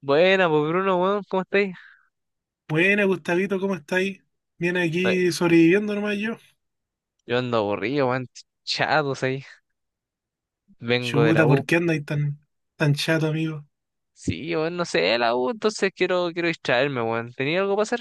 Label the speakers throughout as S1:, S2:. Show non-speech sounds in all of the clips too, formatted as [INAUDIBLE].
S1: Buena, pues Bruno, weón, ¿cómo estáis?
S2: Buena, Gustavito, ¿cómo estáis? Bien
S1: Ay,
S2: aquí sobreviviendo nomás yo.
S1: yo ando aburrido, weón, chatos ahí. Vengo de la
S2: Chuta,
S1: U.
S2: ¿por qué andáis tan chato, amigo?
S1: Sí, weón, no sé, de la U, entonces quiero distraerme, weón. ¿Tenía algo para hacer?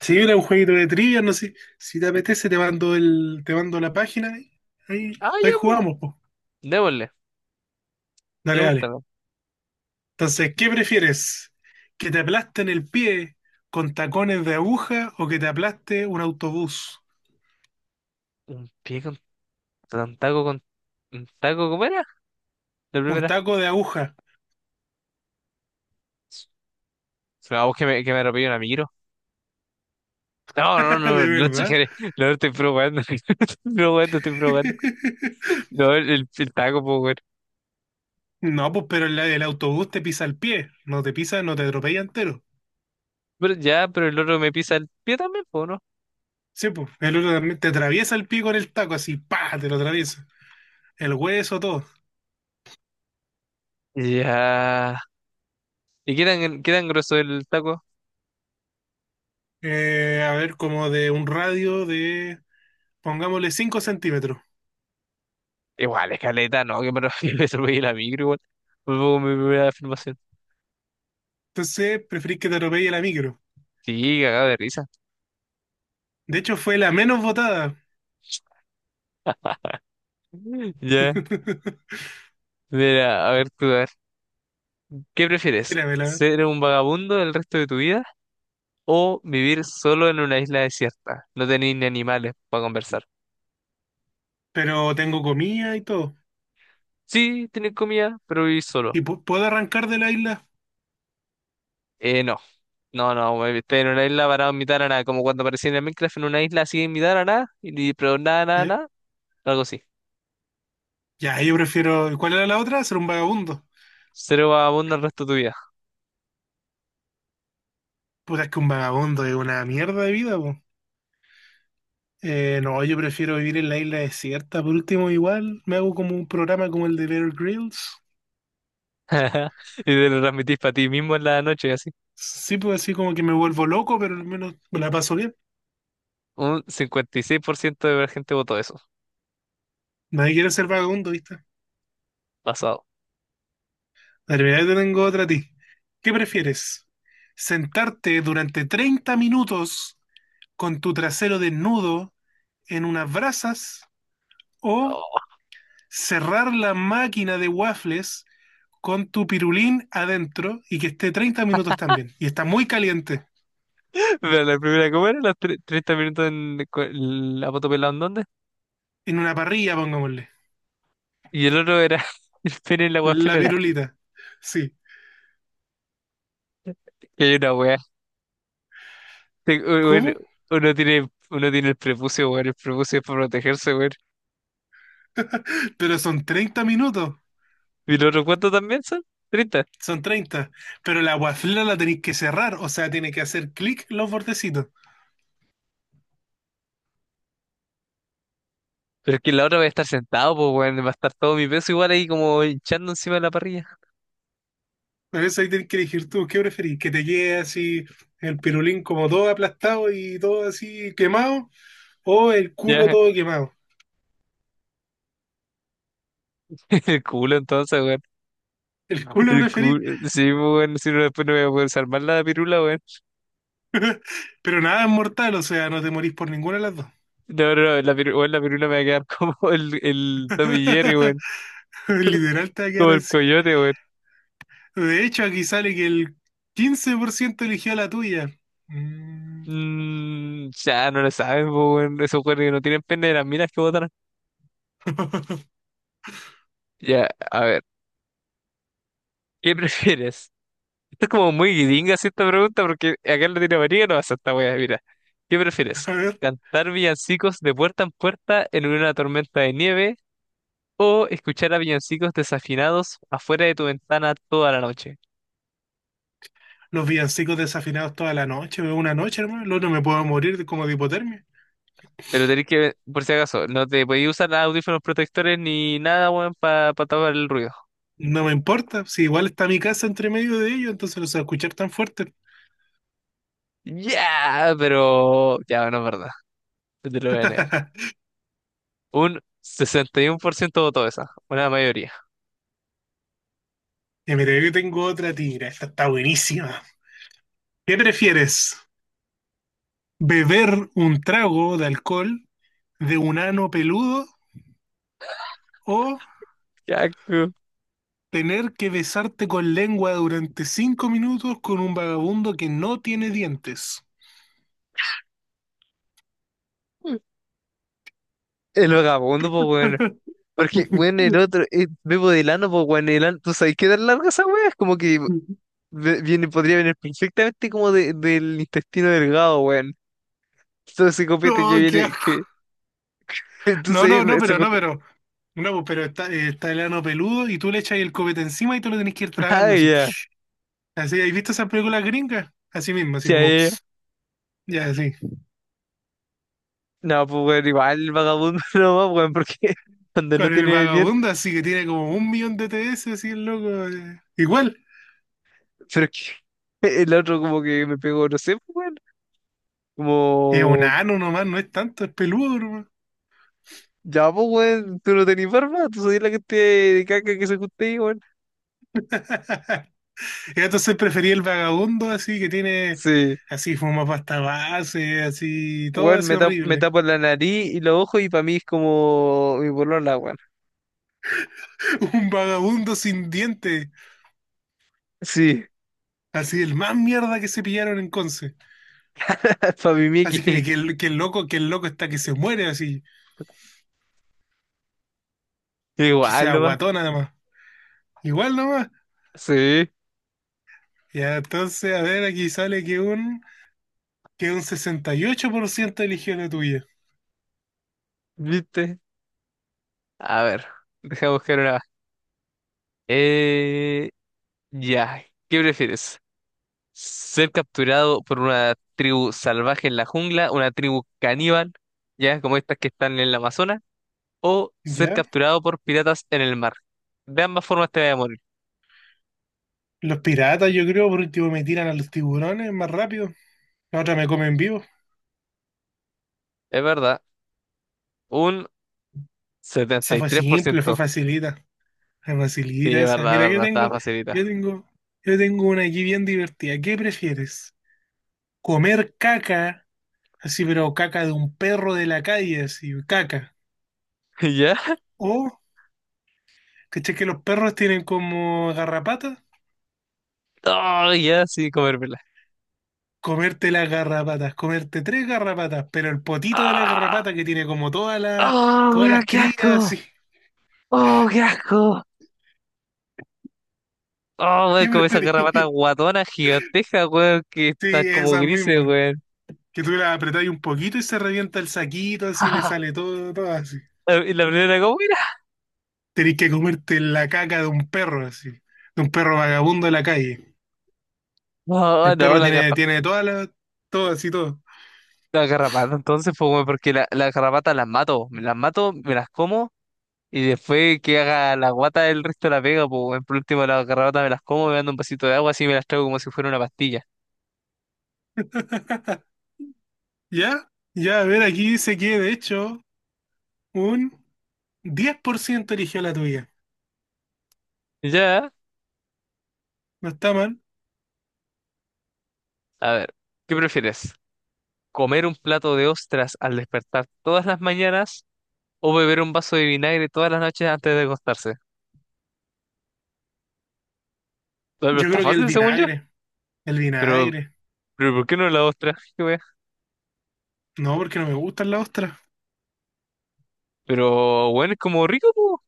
S2: Si mira un jueguito de trivia, no sé. Si te apetece, te mando la página. Y Ahí,
S1: Ah,
S2: ahí
S1: ya, pues.
S2: jugamos, po.
S1: Démosle,
S2: Dale, dale.
S1: pregúntame.
S2: Entonces, ¿qué prefieres? ¿Que te aplasten el pie con tacones de aguja o que te aplaste un autobús?
S1: ¿Un pie con un taco con un taco? ¿Cómo era? La
S2: Un
S1: primera.
S2: taco de aguja,
S1: Vamos, que me atropelle un amigo. No, no,
S2: [LAUGHS]
S1: no,
S2: de
S1: no
S2: verdad.
S1: exageré. No, no estoy probando. [LAUGHS] Estoy probando, estoy probando.
S2: [LAUGHS]
S1: No, el taco, pues, weón.
S2: No, pues, pero el autobús te pisa el pie. No te pisa, no te atropella entero.
S1: Pero ya, pero el otro me pisa el pie también, pues, ¿no?
S2: Sí, pues, el otro también te atraviesa el pico en el taco, así, pa, te lo atraviesa. El hueso, todo.
S1: Ya. ¿Y qué tan grueso es el taco?
S2: A ver, como de un radio de, pongámosle, 5 centímetros.
S1: Igual, escaleta, no, que me refiero, [LAUGHS] me atropellé la micro, igual. Fue como mi primera afirmación.
S2: Entonces, preferís que te atropelle la micro.
S1: Sí, cagado de risa.
S2: De hecho, fue la menos votada.
S1: Ya,
S2: [LAUGHS]
S1: mira, a ver tú, a ver. ¿Qué prefieres?
S2: Grábela.
S1: ¿Ser un vagabundo el resto de tu vida o vivir solo en una isla desierta? No tenéis ni animales para conversar.
S2: Pero tengo comida y todo.
S1: Sí, tenéis comida, pero vivís solo.
S2: ¿Y puedo arrancar de la isla?
S1: No, no, no, güey, estoy en una isla parado en mitad de la nada, como cuando aparecía en el Minecraft en una isla así en mitad de la nada, y, pero nada, nada,
S2: Ya.
S1: nada, algo así.
S2: Ya, yo prefiero. ¿Cuál era la otra? Ser un vagabundo.
S1: Ser vagabundo el resto de tu vida.
S2: Puta, es que un vagabundo es una mierda de vida, po. No, yo prefiero vivir en la isla desierta. Por último, igual me hago como un programa como el de Bear Grylls.
S1: [LAUGHS] Y te lo transmitís para ti mismo en la noche, así.
S2: Sí, puedo decir como que me vuelvo loco, pero al menos me la paso bien.
S1: Un 56% de la gente votó eso,
S2: Nadie quiere ser vagabundo, ¿viste?
S1: pasado.
S2: Dale, mira, yo te tengo otra a ti. ¿Qué prefieres? ¿Sentarte durante 30 minutos con tu trasero desnudo en unas brasas o
S1: Oh.
S2: cerrar la máquina de waffles con tu pirulín adentro y que esté 30 minutos también? Y está muy caliente
S1: [LAUGHS] Pero la primera, ¿cómo era? Los 30 minutos en la moto pelada en dónde.
S2: en una parrilla, pongámosle.
S1: Y el otro era [LAUGHS] el pene en la
S2: La
S1: guafelera.
S2: virulita. Sí.
S1: Y hay una wea. Bueno,
S2: ¿Cómo?
S1: uno tiene el prepucio, weón. El prepucio es para protegerse, weón.
S2: Pero son 30 minutos.
S1: ¿Y el otro cuánto también son? 30.
S2: Son treinta. Pero la guaflera la tenéis que cerrar. O sea, tiene que hacer clic los bordecitos.
S1: Pero es que la otra va a estar sentado, pues, weón. Va a estar todo mi peso igual ahí como hinchando encima de la parrilla.
S2: Por eso ahí tenés que elegir tú qué preferís. Que te quede así el pirulín como todo aplastado y todo así quemado. O el culo
S1: Ya,
S2: todo quemado.
S1: [LAUGHS] el culo entonces, weón.
S2: El No. culo
S1: El
S2: preferís.
S1: cu- Sí, pues, bueno, si no, después no voy a poder salvar la pirula, weón.
S2: Pero nada es mortal. O sea, no te morís por ninguna de las dos.
S1: No, no, no, la pirula, weón, la pirula me va a quedar [LAUGHS] como el Tommy Jerry,
S2: [LAUGHS]
S1: weón.
S2: Literal te va a quedar
S1: Como el
S2: así.
S1: coyote, weón.
S2: De hecho, aquí sale que el 15% eligió la tuya. Mm.
S1: Mm, ya, no lo saben, pues, weón. Esos weones que no tienen pene de las minas que botan.
S2: [LAUGHS]
S1: Ya, a ver, ¿qué [LAUGHS] prefieres? Esto es como muy guidinga, así, esta pregunta, porque acá en Latinoamérica no pasa esta weá, mira. ¿Qué prefieres?
S2: A ver,
S1: ¿Cantar villancicos de puerta en puerta en una tormenta de nieve o escuchar a villancicos desafinados afuera de tu ventana toda la noche?
S2: los villancicos desafinados toda la noche, veo una noche, hermano. El no me puedo morir de- como de hipotermia.
S1: Pero tenés que, por si acaso, no te podéis usar audífonos protectores ni nada, weón, para tapar el ruido.
S2: No me importa, si igual está mi casa entre medio de ellos, entonces los se a escuchar tan fuerte.
S1: Ya, pero ya, no es verdad. No te lo voy a negar.
S2: [LAUGHS]
S1: Un 61% votó esa, una mayoría.
S2: Y mira, yo tengo otra tira, esta está buenísima. ¿Qué prefieres? ¿Beber un trago de alcohol de un ano peludo o
S1: Ya,
S2: tener que besarte con lengua durante 5 minutos con un vagabundo que no tiene dientes?
S1: el vagabundo, pues, weón.
S2: [LAUGHS]
S1: Porque, weón, el otro, Bebo de Lano, pues, weón, ¿tú sabes qué tan larga esa weá? Es como que viene, podría venir perfectamente como del intestino delgado, weón. Todo ese copete que
S2: No, qué
S1: viene, que, [LAUGHS] tú
S2: No,
S1: sabes,
S2: no, no,
S1: se
S2: pero no,
S1: junta.
S2: pero. No, pues, pero está, está el ano peludo y tú le echas el copete encima y tú lo tenés que ir
S1: [LAUGHS] Ah,
S2: tragando así.
S1: ya,
S2: Así, ¿has visto esas películas gringas? Así mismo, así
S1: ya,
S2: como,
S1: ya.
S2: pss, ya así.
S1: No, pues, weón, igual vagabundo [LAUGHS] nomás, weón, porque [LAUGHS] cuando no
S2: Con el
S1: tiene dientes,
S2: vagabundo, así que tiene como un millón de TS, así el loco. Igual,
S1: pero es que [LAUGHS] el otro como que me pegó, no sé, pues, weón,
S2: es un
S1: como,
S2: ano nomás, no es tanto, es peludo nomás.
S1: ya, pues, weón, tú no tenés barba, tú soy la que te de caca que se junta ahí, weón.
S2: Y entonces preferí el vagabundo, así que tiene,
S1: Sí,
S2: así fuma pasta base, así, todo
S1: weón,
S2: así
S1: me
S2: horrible.
S1: tapo la nariz y los ojos y para mí es como mi polola, weón.
S2: [LAUGHS] Un vagabundo sin dientes,
S1: Sí,
S2: así el más mierda que se pillaron en Conce.
S1: [LAUGHS] para mi
S2: Así
S1: Mickey,
S2: que, que el loco está que se muere, así,
S1: [LAUGHS]
S2: que
S1: igual
S2: sea
S1: nomás,
S2: guatón además. Igual nomás.
S1: sí,
S2: Ya, entonces, a ver, aquí sale que un 68% eligió la tuya.
S1: viste. A ver, deja buscar una. Eh, ya, ¿qué prefieres? Ser capturado por una tribu salvaje en la jungla, una tribu caníbal, ya como estas que están en el Amazonas, o ser
S2: ¿Ya?
S1: capturado por piratas en el mar. De ambas formas te voy a morir.
S2: Los piratas, yo creo, por último me tiran a los tiburones más rápido. La otra me come en vivo.
S1: Es verdad, un setenta
S2: Esa
S1: y
S2: fue
S1: tres por
S2: simple, fue
S1: ciento.
S2: facilita. Fue
S1: Sí,
S2: facilita esa. Mira,
S1: es verdad, estaba facilita.
S2: yo tengo, yo tengo una aquí bien divertida. ¿Qué prefieres? ¿Comer caca? Así, pero caca de un perro de la calle, así, caca.
S1: [LAUGHS] ¿Ya?
S2: O ¿cachai que los perros tienen como garrapatas?
S1: Oh, ya, sí, comérmela.
S2: Comerte las garrapatas, comerte tres garrapatas, pero el potito de la
S1: ¡Ah!
S2: garrapata que tiene como
S1: ¡Oh,
S2: todas
S1: weón,
S2: las
S1: qué
S2: crías, [LAUGHS]
S1: asco!
S2: sí.
S1: ¡Oh, qué asco! ¡Oh,
S2: ¿Qué
S1: weón, como esas garrapatas
S2: preferís?
S1: guatonas gigantescas, weón, que están
S2: Sí,
S1: como
S2: esas
S1: grises,
S2: mismas.
S1: weón!
S2: Que tú las apretáis un poquito y se revienta el saquito, así le sale
S1: [LAUGHS]
S2: todo, todo así.
S1: Y la primera, ¿cómo?
S2: Tenés que comerte la caca de un perro, así. De un perro vagabundo de la calle.
S1: No,
S2: El
S1: no,
S2: perro tiene, tiene todas las, todo así, todo.
S1: la garrapata entonces, pues, weón, porque la garrapata las mato, me las mato, me las como y después que haga la guata el resto la pega, pues, weón. Por último la garrapata me las como, me dando un vasito de agua, así me las traigo como si fuera una pastilla.
S2: ¿Ya? Ya, a ver, aquí dice que de hecho un 10% eligió la tuya.
S1: Ya,
S2: No está mal.
S1: a ver, ¿qué prefieres? ¿Comer un plato de ostras al despertar todas las mañanas o beber un vaso de vinagre todas las noches antes de acostarse? No, pero
S2: Yo
S1: está
S2: creo que el
S1: fácil, según yo,
S2: vinagre. El
S1: pero,
S2: vinagre.
S1: pero ¿por qué no la ostra? Qué wea.
S2: No, porque no me gustan las ostras.
S1: Pero, bueno, es como rico, pues,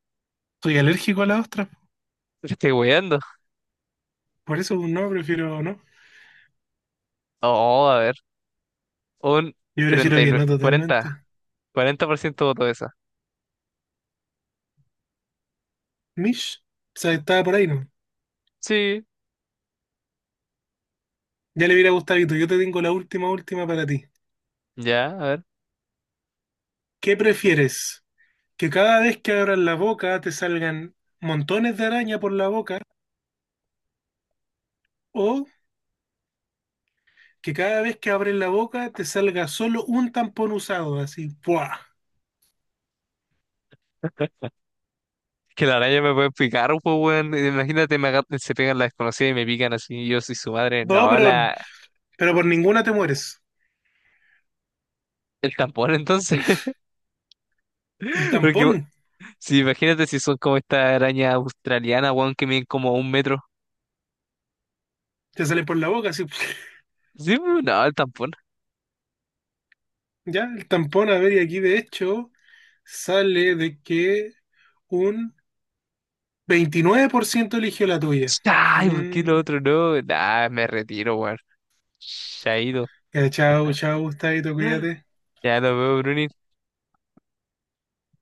S2: Soy alérgico a las ostras.
S1: te estoy weando.
S2: Por eso no, prefiero no.
S1: Oh, a ver. Un
S2: Yo prefiero que no
S1: 39, 40,
S2: totalmente.
S1: 40% voto esa.
S2: Mish. O sea, estaba por ahí, ¿no?
S1: Sí,
S2: Ya le hubiera gustado, Gustavito. Yo te tengo la última, última para ti.
S1: ya, a ver.
S2: ¿Qué prefieres? ¿Que cada vez que abras la boca te salgan montones de araña por la boca? ¿O que cada vez que abres la boca te salga solo un tampón usado? Así, ¡buah!
S1: Que la araña me puede picar, pues, weón. Imagínate, se pegan las desconocidas y me pican así. Y yo soy su madre.
S2: No,
S1: No,
S2: pero por ninguna te mueres.
S1: el tampón, entonces. [LAUGHS]
S2: Un
S1: Porque,
S2: tampón.
S1: si imagínate si son como esta araña australiana, weón, que miden como un metro.
S2: Te sale por la boca, así. [LAUGHS]
S1: Sí, pues, no, el tampón.
S2: Ya, el tampón, a ver, y aquí de hecho sale de que un 29% eligió la tuya.
S1: Ay, ¿por qué lo
S2: Mm,
S1: otro no? Nah, me retiro, weón. Chaito.
S2: ya, chao, chao, Gustavito, cuídate.
S1: Ya nos vemos, Bruni.